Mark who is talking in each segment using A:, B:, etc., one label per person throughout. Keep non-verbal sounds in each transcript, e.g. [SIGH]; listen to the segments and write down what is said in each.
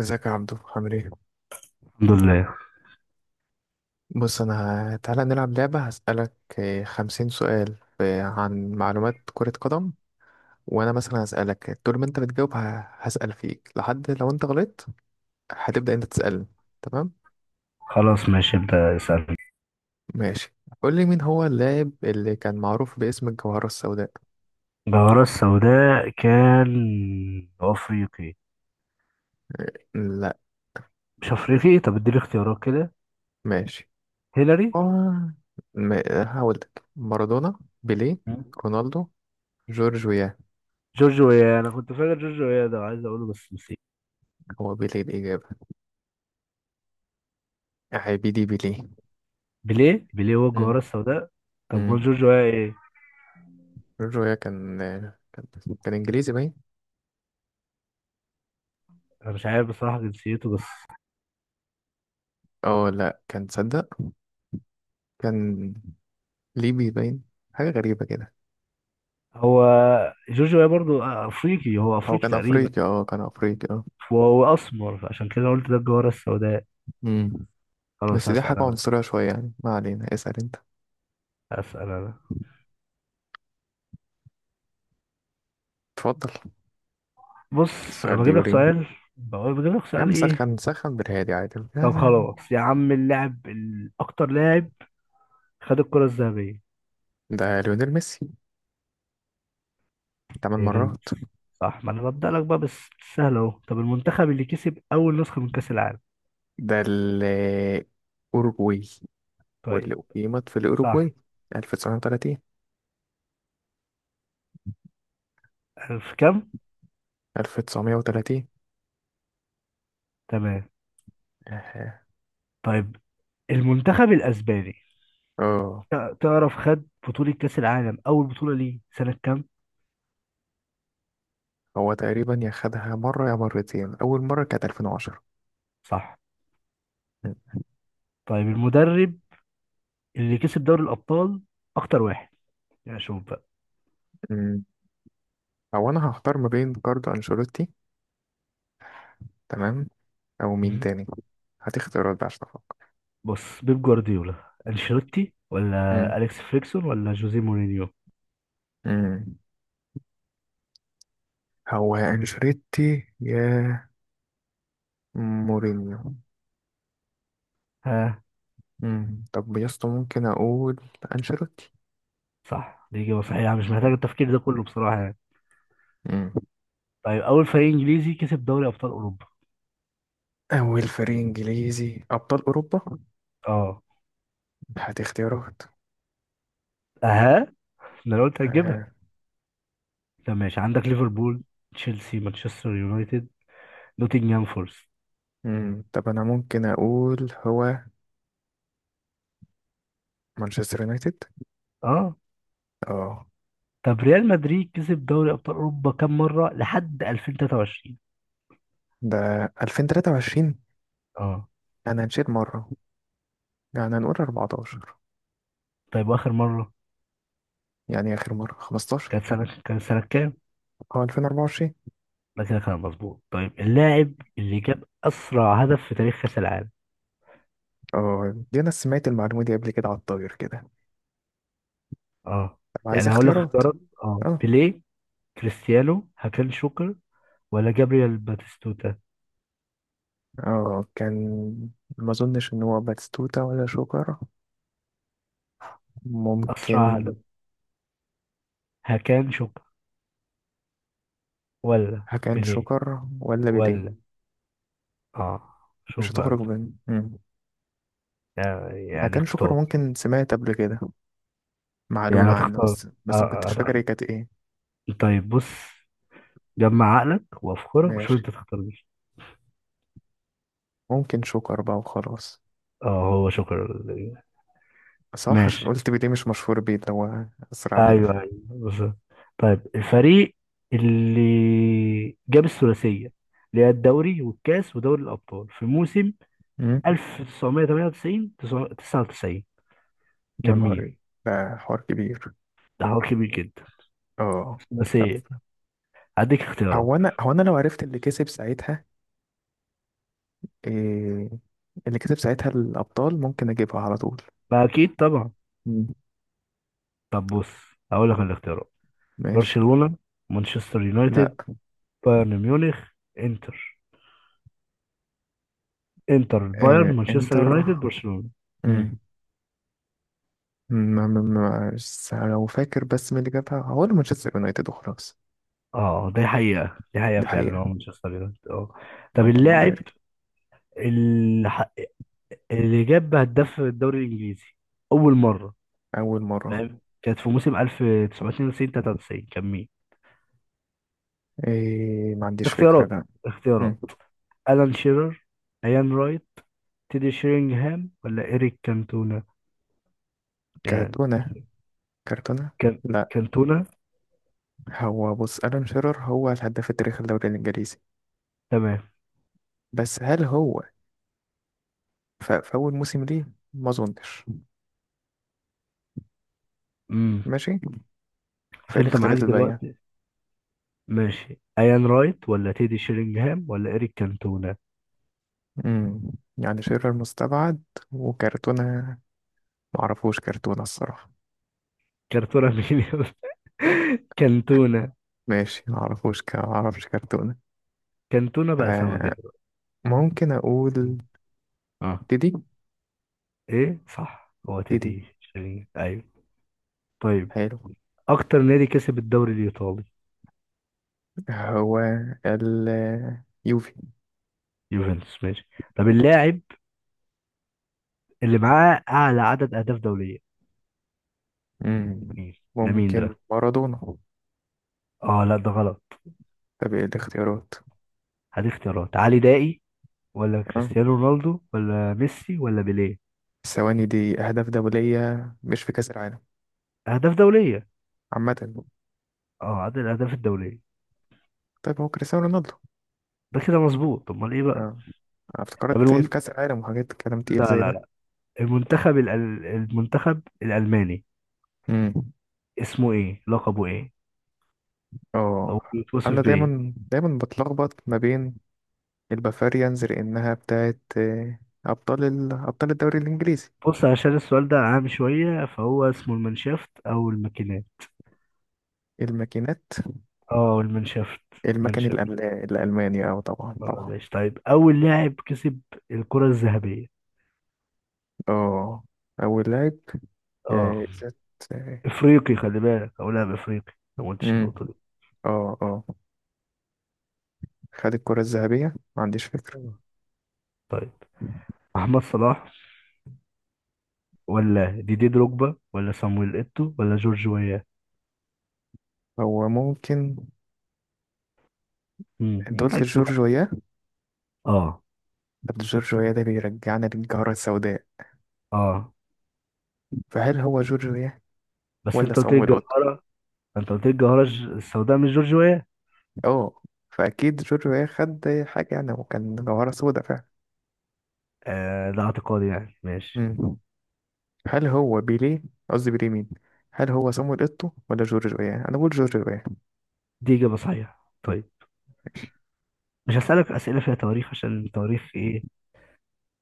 A: ازيك يا عبدو، عامل ايه؟
B: الحمد لله.
A: بص انا. تعالى نلعب لعبة هسألك. 50 سؤال عن معلومات كرة قدم. وانا مثلا هسألك طول ما انت بتجاوب، هسأل فيك لحد لو انت غلطت. هتبدأ انت تسألني؟ تمام.
B: خلاص، ماشي، ابدأ اسألني.
A: ماشي. قول لي، مين هو اللاعب اللي كان معروف باسم الجوهرة السوداء؟
B: الجوهرة السوداء كان أفريقي؟
A: لا.
B: مش أفريقي؟ طب اديني اختيارات كده.
A: ماشي.
B: هيلاري؟
A: آه. م- هقول لك مارادونا، بيليه،
B: مم.
A: رونالدو، جورج ويا.
B: جورج ويا. أنا كنت فاكر جورج ويا ده وعايز أقوله بس نسيت.
A: هو بيليه الإجابة. عبيدي بيليه.
B: بيليه؟ بيليه هو
A: مم.
B: الجوهرة السوداء؟ طب هو
A: مم.
B: جورج ويا إيه؟
A: جورجيا كان كان انجليزي باين.
B: أنا مش عارف بصراحة جنسيته بس.
A: اه، لا، كان ليبي باين. حاجه غريبه كده.
B: هو جورج ويا برضو أفريقي، هو
A: هو
B: أفريقي
A: كان
B: تقريبا.
A: افريقي، اه كان افريقي، اه.
B: وهو أسمر عشان كده قلت ده الجوهرة السوداء.
A: امم
B: خلاص
A: بس دي
B: هسأل
A: حاجه
B: أنا.
A: عنصريه شويه يعني، ما علينا، اسال انت.
B: هسأل أنا
A: اتفضل.
B: بص أنا
A: السؤال بيقول ايه؟
B: بجيب لك
A: يا
B: سؤال
A: عم،
B: إيه؟
A: سخن سخن بالهادي عادي.
B: طب خلاص يا عم، اللاعب اكتر لاعب خد الكرة الذهبية؟
A: ده ليونيل ميسي. تمن
B: بيريز.
A: مرات
B: صح، ما انا ببدأ لك بقى بس. سهل اهو. طب المنتخب اللي كسب اول نسخة من كأس العالم؟
A: ده الأوروجواي،
B: طيب.
A: واللي أقيمت في
B: صح.
A: الأوروجواي. 1930.
B: في كام؟
A: 1930.
B: تمام.
A: اه.
B: طيب المنتخب الاسباني.
A: آه.
B: تعرف خد بطولة كأس العالم اول بطولة ليه سنة كام؟
A: هو تقريبا، يا خدها مرة يا مرتين، أول مرة كانت 2010.
B: صح.
A: م-
B: طيب المدرب اللي كسب دوري الابطال اكتر واحد، يعني شوف بقى.
A: م. أو أنا هختار ما بين كاردو أنشيلوتي. تمام. أو مين
B: مم.
A: تاني؟ هتختارات بقى عشان أفكر.
B: بص، بيب جوارديولا، انشيلوتي،
A: م-
B: ولا اليكس فريكسون، ولا جوزيه مورينيو؟
A: م. هو يا أنشيلوتي يا مورينيو.
B: ها؟
A: طب يا اسطى، ممكن أقول أنشيلوتي.
B: صح، دي إجابة صحيحة يعني، مش محتاج التفكير ده كله بصراحة يعني.
A: م.
B: طيب أول فريق إنجليزي كسب دوري أبطال أوروبا؟
A: أول فريق إنجليزي أبطال أوروبا؟
B: أه.
A: هات اختيارات.
B: أها. ده أنا قلت هتجيبها.
A: آه.
B: طب ماشي، عندك ليفربول، تشيلسي، مانشستر يونايتد، نوتنجهام فورست.
A: طب أنا ممكن أقول هو مانشستر يونايتد.
B: أه.
A: اه.
B: طب ريال مدريد كسب دوري أبطال أوروبا كام مرة لحد 2023؟
A: ده 2023.
B: أه.
A: أنا مشيت مرة، يعني هنقول 14.
B: طيب وآخر مرة
A: يعني آخر مرة 15.
B: كانت سنة كام؟
A: أه، 2024.
B: ده كده كان مظبوط. طيب اللاعب اللي جاب أسرع هدف في تاريخ كأس العالم؟
A: أه، دي أنا سمعت المعلومة دي قبل كده على الطاير كده.
B: أه.
A: طب عايز
B: يعني هقول لك
A: اختيارات.
B: اختيارات. أه،
A: أه.
B: بيليه، كريستيانو، هاكان شوكر، ولا جابرييل باتيستوتا؟
A: أه، ما أظنش إن هو باتستوتا ولا شوكر.
B: أسرع
A: ممكن.
B: هدف. هكان شوكا ولا
A: هكان
B: بيليه
A: شوكر ولا بيديه؟
B: ولا؟ آه، شوف
A: مش
B: بقى
A: هتخرج
B: أنت.
A: من
B: يعني، يعني
A: هكان شوكر،
B: اختار.
A: ممكن سمعت قبل كده
B: يعني
A: معلومة عنه،
B: هتختار.
A: بس بس ما كنتش فاكر
B: هتختار.
A: هي كانت إيه.
B: طيب بص، جمع عقلك وأفكارك وشوف
A: ماشي.
B: أنت تختار مين.
A: ممكن شوكر بقى وخلاص.
B: آه، هو شكرا.
A: صح،
B: ماشي.
A: عشان قلت بيديه مش مشهور بيه اللي هو أسرع هدف.
B: أيوه، أيوه، بالظبط. طيب الفريق اللي جاب الثلاثية، اللي هي الدوري والكاس ودوري الأبطال، في موسم 1998 99
A: يا
B: كان
A: نهار
B: مين؟
A: إيه. ده حوار كبير.
B: ده حوار كبير جدا.
A: اه.
B: بس
A: طب
B: ايه؟ هديك اختيارات.
A: هو انا لو عرفت اللي كسب ساعتها إيه، اللي كسب ساعتها الابطال ممكن اجيبها على طول.
B: ما اكيد طبعا.
A: مم.
B: طب بص، هقول لك الاختيارات.
A: ماشي.
B: برشلونة، مانشستر
A: لا.
B: يونايتد، بايرن ميونخ، انتر. انتر، بايرن،
A: إيه
B: مانشستر
A: انتر؟
B: يونايتد، برشلونة. مم.
A: مم. ما بس لو فاكر، بس مين اللي جابها هو مانشستر يونايتد وخلاص.
B: اه، دي حقيقة، دي حقيقة
A: دي
B: فعلا،
A: حقيقة.
B: هو مانشستر يونايتد اه. طب
A: اللهم
B: اللاعب
A: بارك.
B: اللي, ح... اللي جاب هداف في الدوري الانجليزي اول مرة،
A: أول مرة.
B: فاهم، كانت في موسم 1992 93 كان مين؟
A: إيه، ما عنديش فكرة،
B: اختيارات.
A: لا.
B: اختيارات
A: مم.
B: الان شيرر، ايان، تيدي شيرينغهام، ولا إيريك كانتونا، يعني.
A: كارتونة، كارتونة.
B: كان.
A: لا.
B: كانتونا.
A: هو بص، ألان شيرر هو الهداف التاريخي الدوري الإنجليزي.
B: تمام.
A: بس هل هو، فأول موسم ليه، ما أظنش.
B: امم.
A: ماشي. فإيه
B: فأنت معاك
A: الاختيارات الباقية؟
B: دلوقتي، ماشي، ايان رايت ولا تيدي شيرينغهام ولا إيريك كانتونا.
A: امم يعني شيرر مستبعد. وكرتونة. معرفوش كرتونة الصراحة.
B: كانتونا مين يا أسطى؟ [LAUGHS] كانتونا.
A: ماشي، معرفوش معرفش كرتونة.
B: كانتونا بقى سمكة
A: ف-
B: دلوقتي.
A: ممكن أقول
B: مم. اه.
A: ديدي.
B: ايه صح، هو
A: ديدي.
B: تيدي شيرينغهام، ايوه. طيب
A: حلو.
B: اكتر نادي كسب الدوري الايطالي؟
A: هو ال يوفي.
B: يوفنتوس ماشي. طب اللاعب اللي معاه اعلى عدد اهداف دولية
A: امم
B: مين؟ ده مين
A: ممكن
B: ده
A: مارادونا.
B: اه لا، ده غلط.
A: طب إيه الاختيارات؟
B: هدي اختيارات، علي دائي ولا
A: أه.
B: كريستيانو رونالدو ولا ميسي ولا بيليه؟
A: الثواني دي أهداف دولية مش في كأس العالم،
B: اهداف دوليه.
A: عامة.
B: اه، عدد الاهداف الدوليه.
A: طيب هو كريستيانو رونالدو.
B: ده كده مظبوط. طب امال ايه بقى؟
A: اه،
B: طب
A: افتكرت
B: المن...
A: في كأس العالم وحاجات، كلام تقيل
B: لا
A: زي
B: لا
A: ده.
B: لا. المنتخب ال... المنتخب الالماني
A: امم
B: اسمه ايه؟ لقبه ايه؟ او
A: اه،
B: بيتوصف
A: انا
B: بايه؟
A: دايما دايما بتلخبط ما بين البافاريانز لانها بتاعت، ابطال الدوري الانجليزي.
B: بص، عشان السؤال ده عام شويه، فهو اسمه المانشافت او الماكينات.
A: الماكينات.
B: اه المانشافت. المانشافت.
A: الالماني، اه طبعا
B: اه
A: طبعا.
B: ماشي. طيب اول لاعب كسب الكره الذهبيه،
A: اه، اول لاعب
B: اه،
A: جايزة. آه،
B: افريقي خلي بالك، او لاعب افريقي، ما قلتش
A: امم
B: النقطه دي.
A: اه، اه، خد الكرة الذهبية، ما عنديش فكرة.
B: آه. طيب محمد صلاح ولا ديدي دروجبا ولا صامويل ايتو ولا جورج ويا؟
A: هو ممكن.
B: مم،
A: انت قلت
B: معاك
A: جورج
B: براحتك.
A: وياه.
B: اه،
A: طب جورج وياه ده بيرجعنا للجارة السوداء.
B: اه.
A: فهل هو جورج وياه
B: بس
A: ولا
B: انت قلت لي
A: صامويل اوتو؟
B: الجوهرة. انت قلت لي الجوهرة ج- السوداء، مش جورج ويا.
A: اه، فاكيد جورجو خد حاجه يعني، وكان جوهره سودا فعلا.
B: آه، ده اعتقادي يعني ماشي.
A: مم. هل هو بيليه؟ قصدي بيليه مين؟ هل هو صامويل اوتو ولا جورجو ايه؟ انا بقول جورجو ايه.
B: دي إجابة صحيحة. طيب مش هسألك أسئلة فيها تواريخ، عشان التواريخ إيه،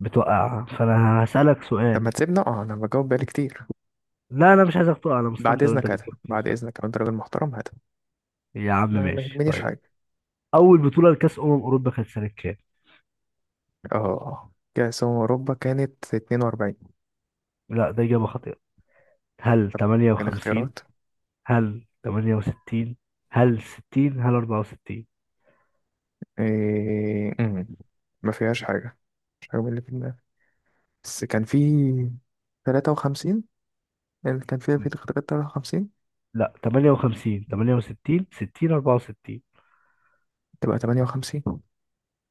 B: بتوقع، فأنا هسألك
A: طب
B: سؤال.
A: ما تسيبنا، اه انا بجاوب بقالي كتير.
B: لا، أنا مش عايزك تقع، أنا
A: بعد
B: مستمتع وأنت
A: اذنك هات.
B: بتجاوب في
A: بعد
B: السؤال.
A: اذنك لو انت راجل محترم هات.
B: يا عم
A: انا ما
B: ماشي
A: يهمنيش
B: طيب.
A: حاجه.
B: أول بطولة لكأس أمم أوروبا كانت سنة كام؟
A: اه، كاس أمم اوروبا كانت 42.
B: لا، ده إجابة خاطئة. هل
A: كان
B: 58؟
A: اختيارات.
B: هل 68؟ هل 60؟ هل 64؟
A: إيه... مم. ما فيهاش حاجه، مش حاجه من اللي في دماغي. بس كان في 53، اللي كان فيها في اختيارات 53.
B: لا، 58، 68، 60، 64.
A: تبقى 58.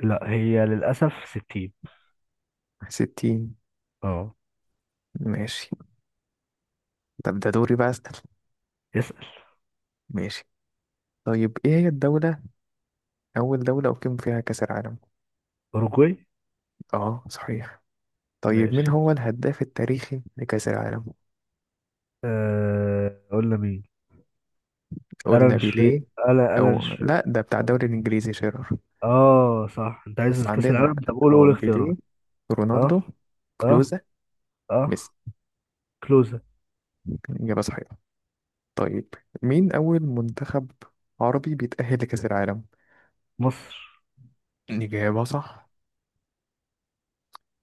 B: لا هي للأسف 60.
A: 60.
B: اه.
A: ماشي. طب ده دوري بقى أسأل.
B: اسأل.
A: ماشي طيب، إيه هي الدولة، أول دولة أقيم فيها كأس العالم؟
B: أوروجواي.
A: آه صحيح. طيب مين
B: ماشي.
A: هو الهداف التاريخي لكأس العالم؟
B: أه... قلنا مين؟
A: قلنا
B: ألان شرير.
A: بيليه.
B: ألا، ألان
A: أو
B: شرير.
A: لأ، ده بتاع
B: ألان.
A: الدوري الإنجليزي شيرر.
B: اه صح، انت عايز
A: بس
B: كأس
A: عندنا،
B: العالم. طب قول،
A: أو
B: قول
A: بيليه،
B: اختيارات. اه.
A: رونالدو،
B: اه.
A: كلوزا،
B: اه.
A: ميسي.
B: كلوزة.
A: إجابة صحيحة. طيب مين أول منتخب عربي بيتأهل لكأس العالم؟
B: مصر.
A: إجابة صح.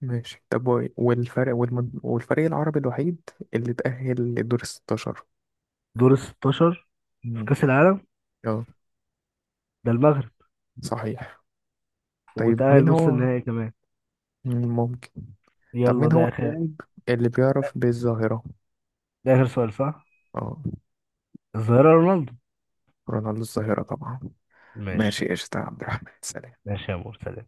A: ماشي طب والفريق العربي الوحيد اللي تأهل لدور الستاشر.
B: دور ال 16 في
A: مم.
B: كأس العالم.
A: اه
B: ده المغرب.
A: صحيح. طيب
B: وتأهل
A: مين
B: نص
A: هو.
B: النهائي كمان.
A: ممكن. طب
B: يلا،
A: مين هو
B: ده آخر.
A: اللاعب اللي بيعرف بالظاهرة؟
B: ده آخر سؤال صح؟
A: اه،
B: الظاهرة رونالدو.
A: رونالدو الظاهرة طبعا.
B: ماشي.
A: ماشي قشطة يا عبد الرحمن، سلام.
B: ماشي يا مرتضى.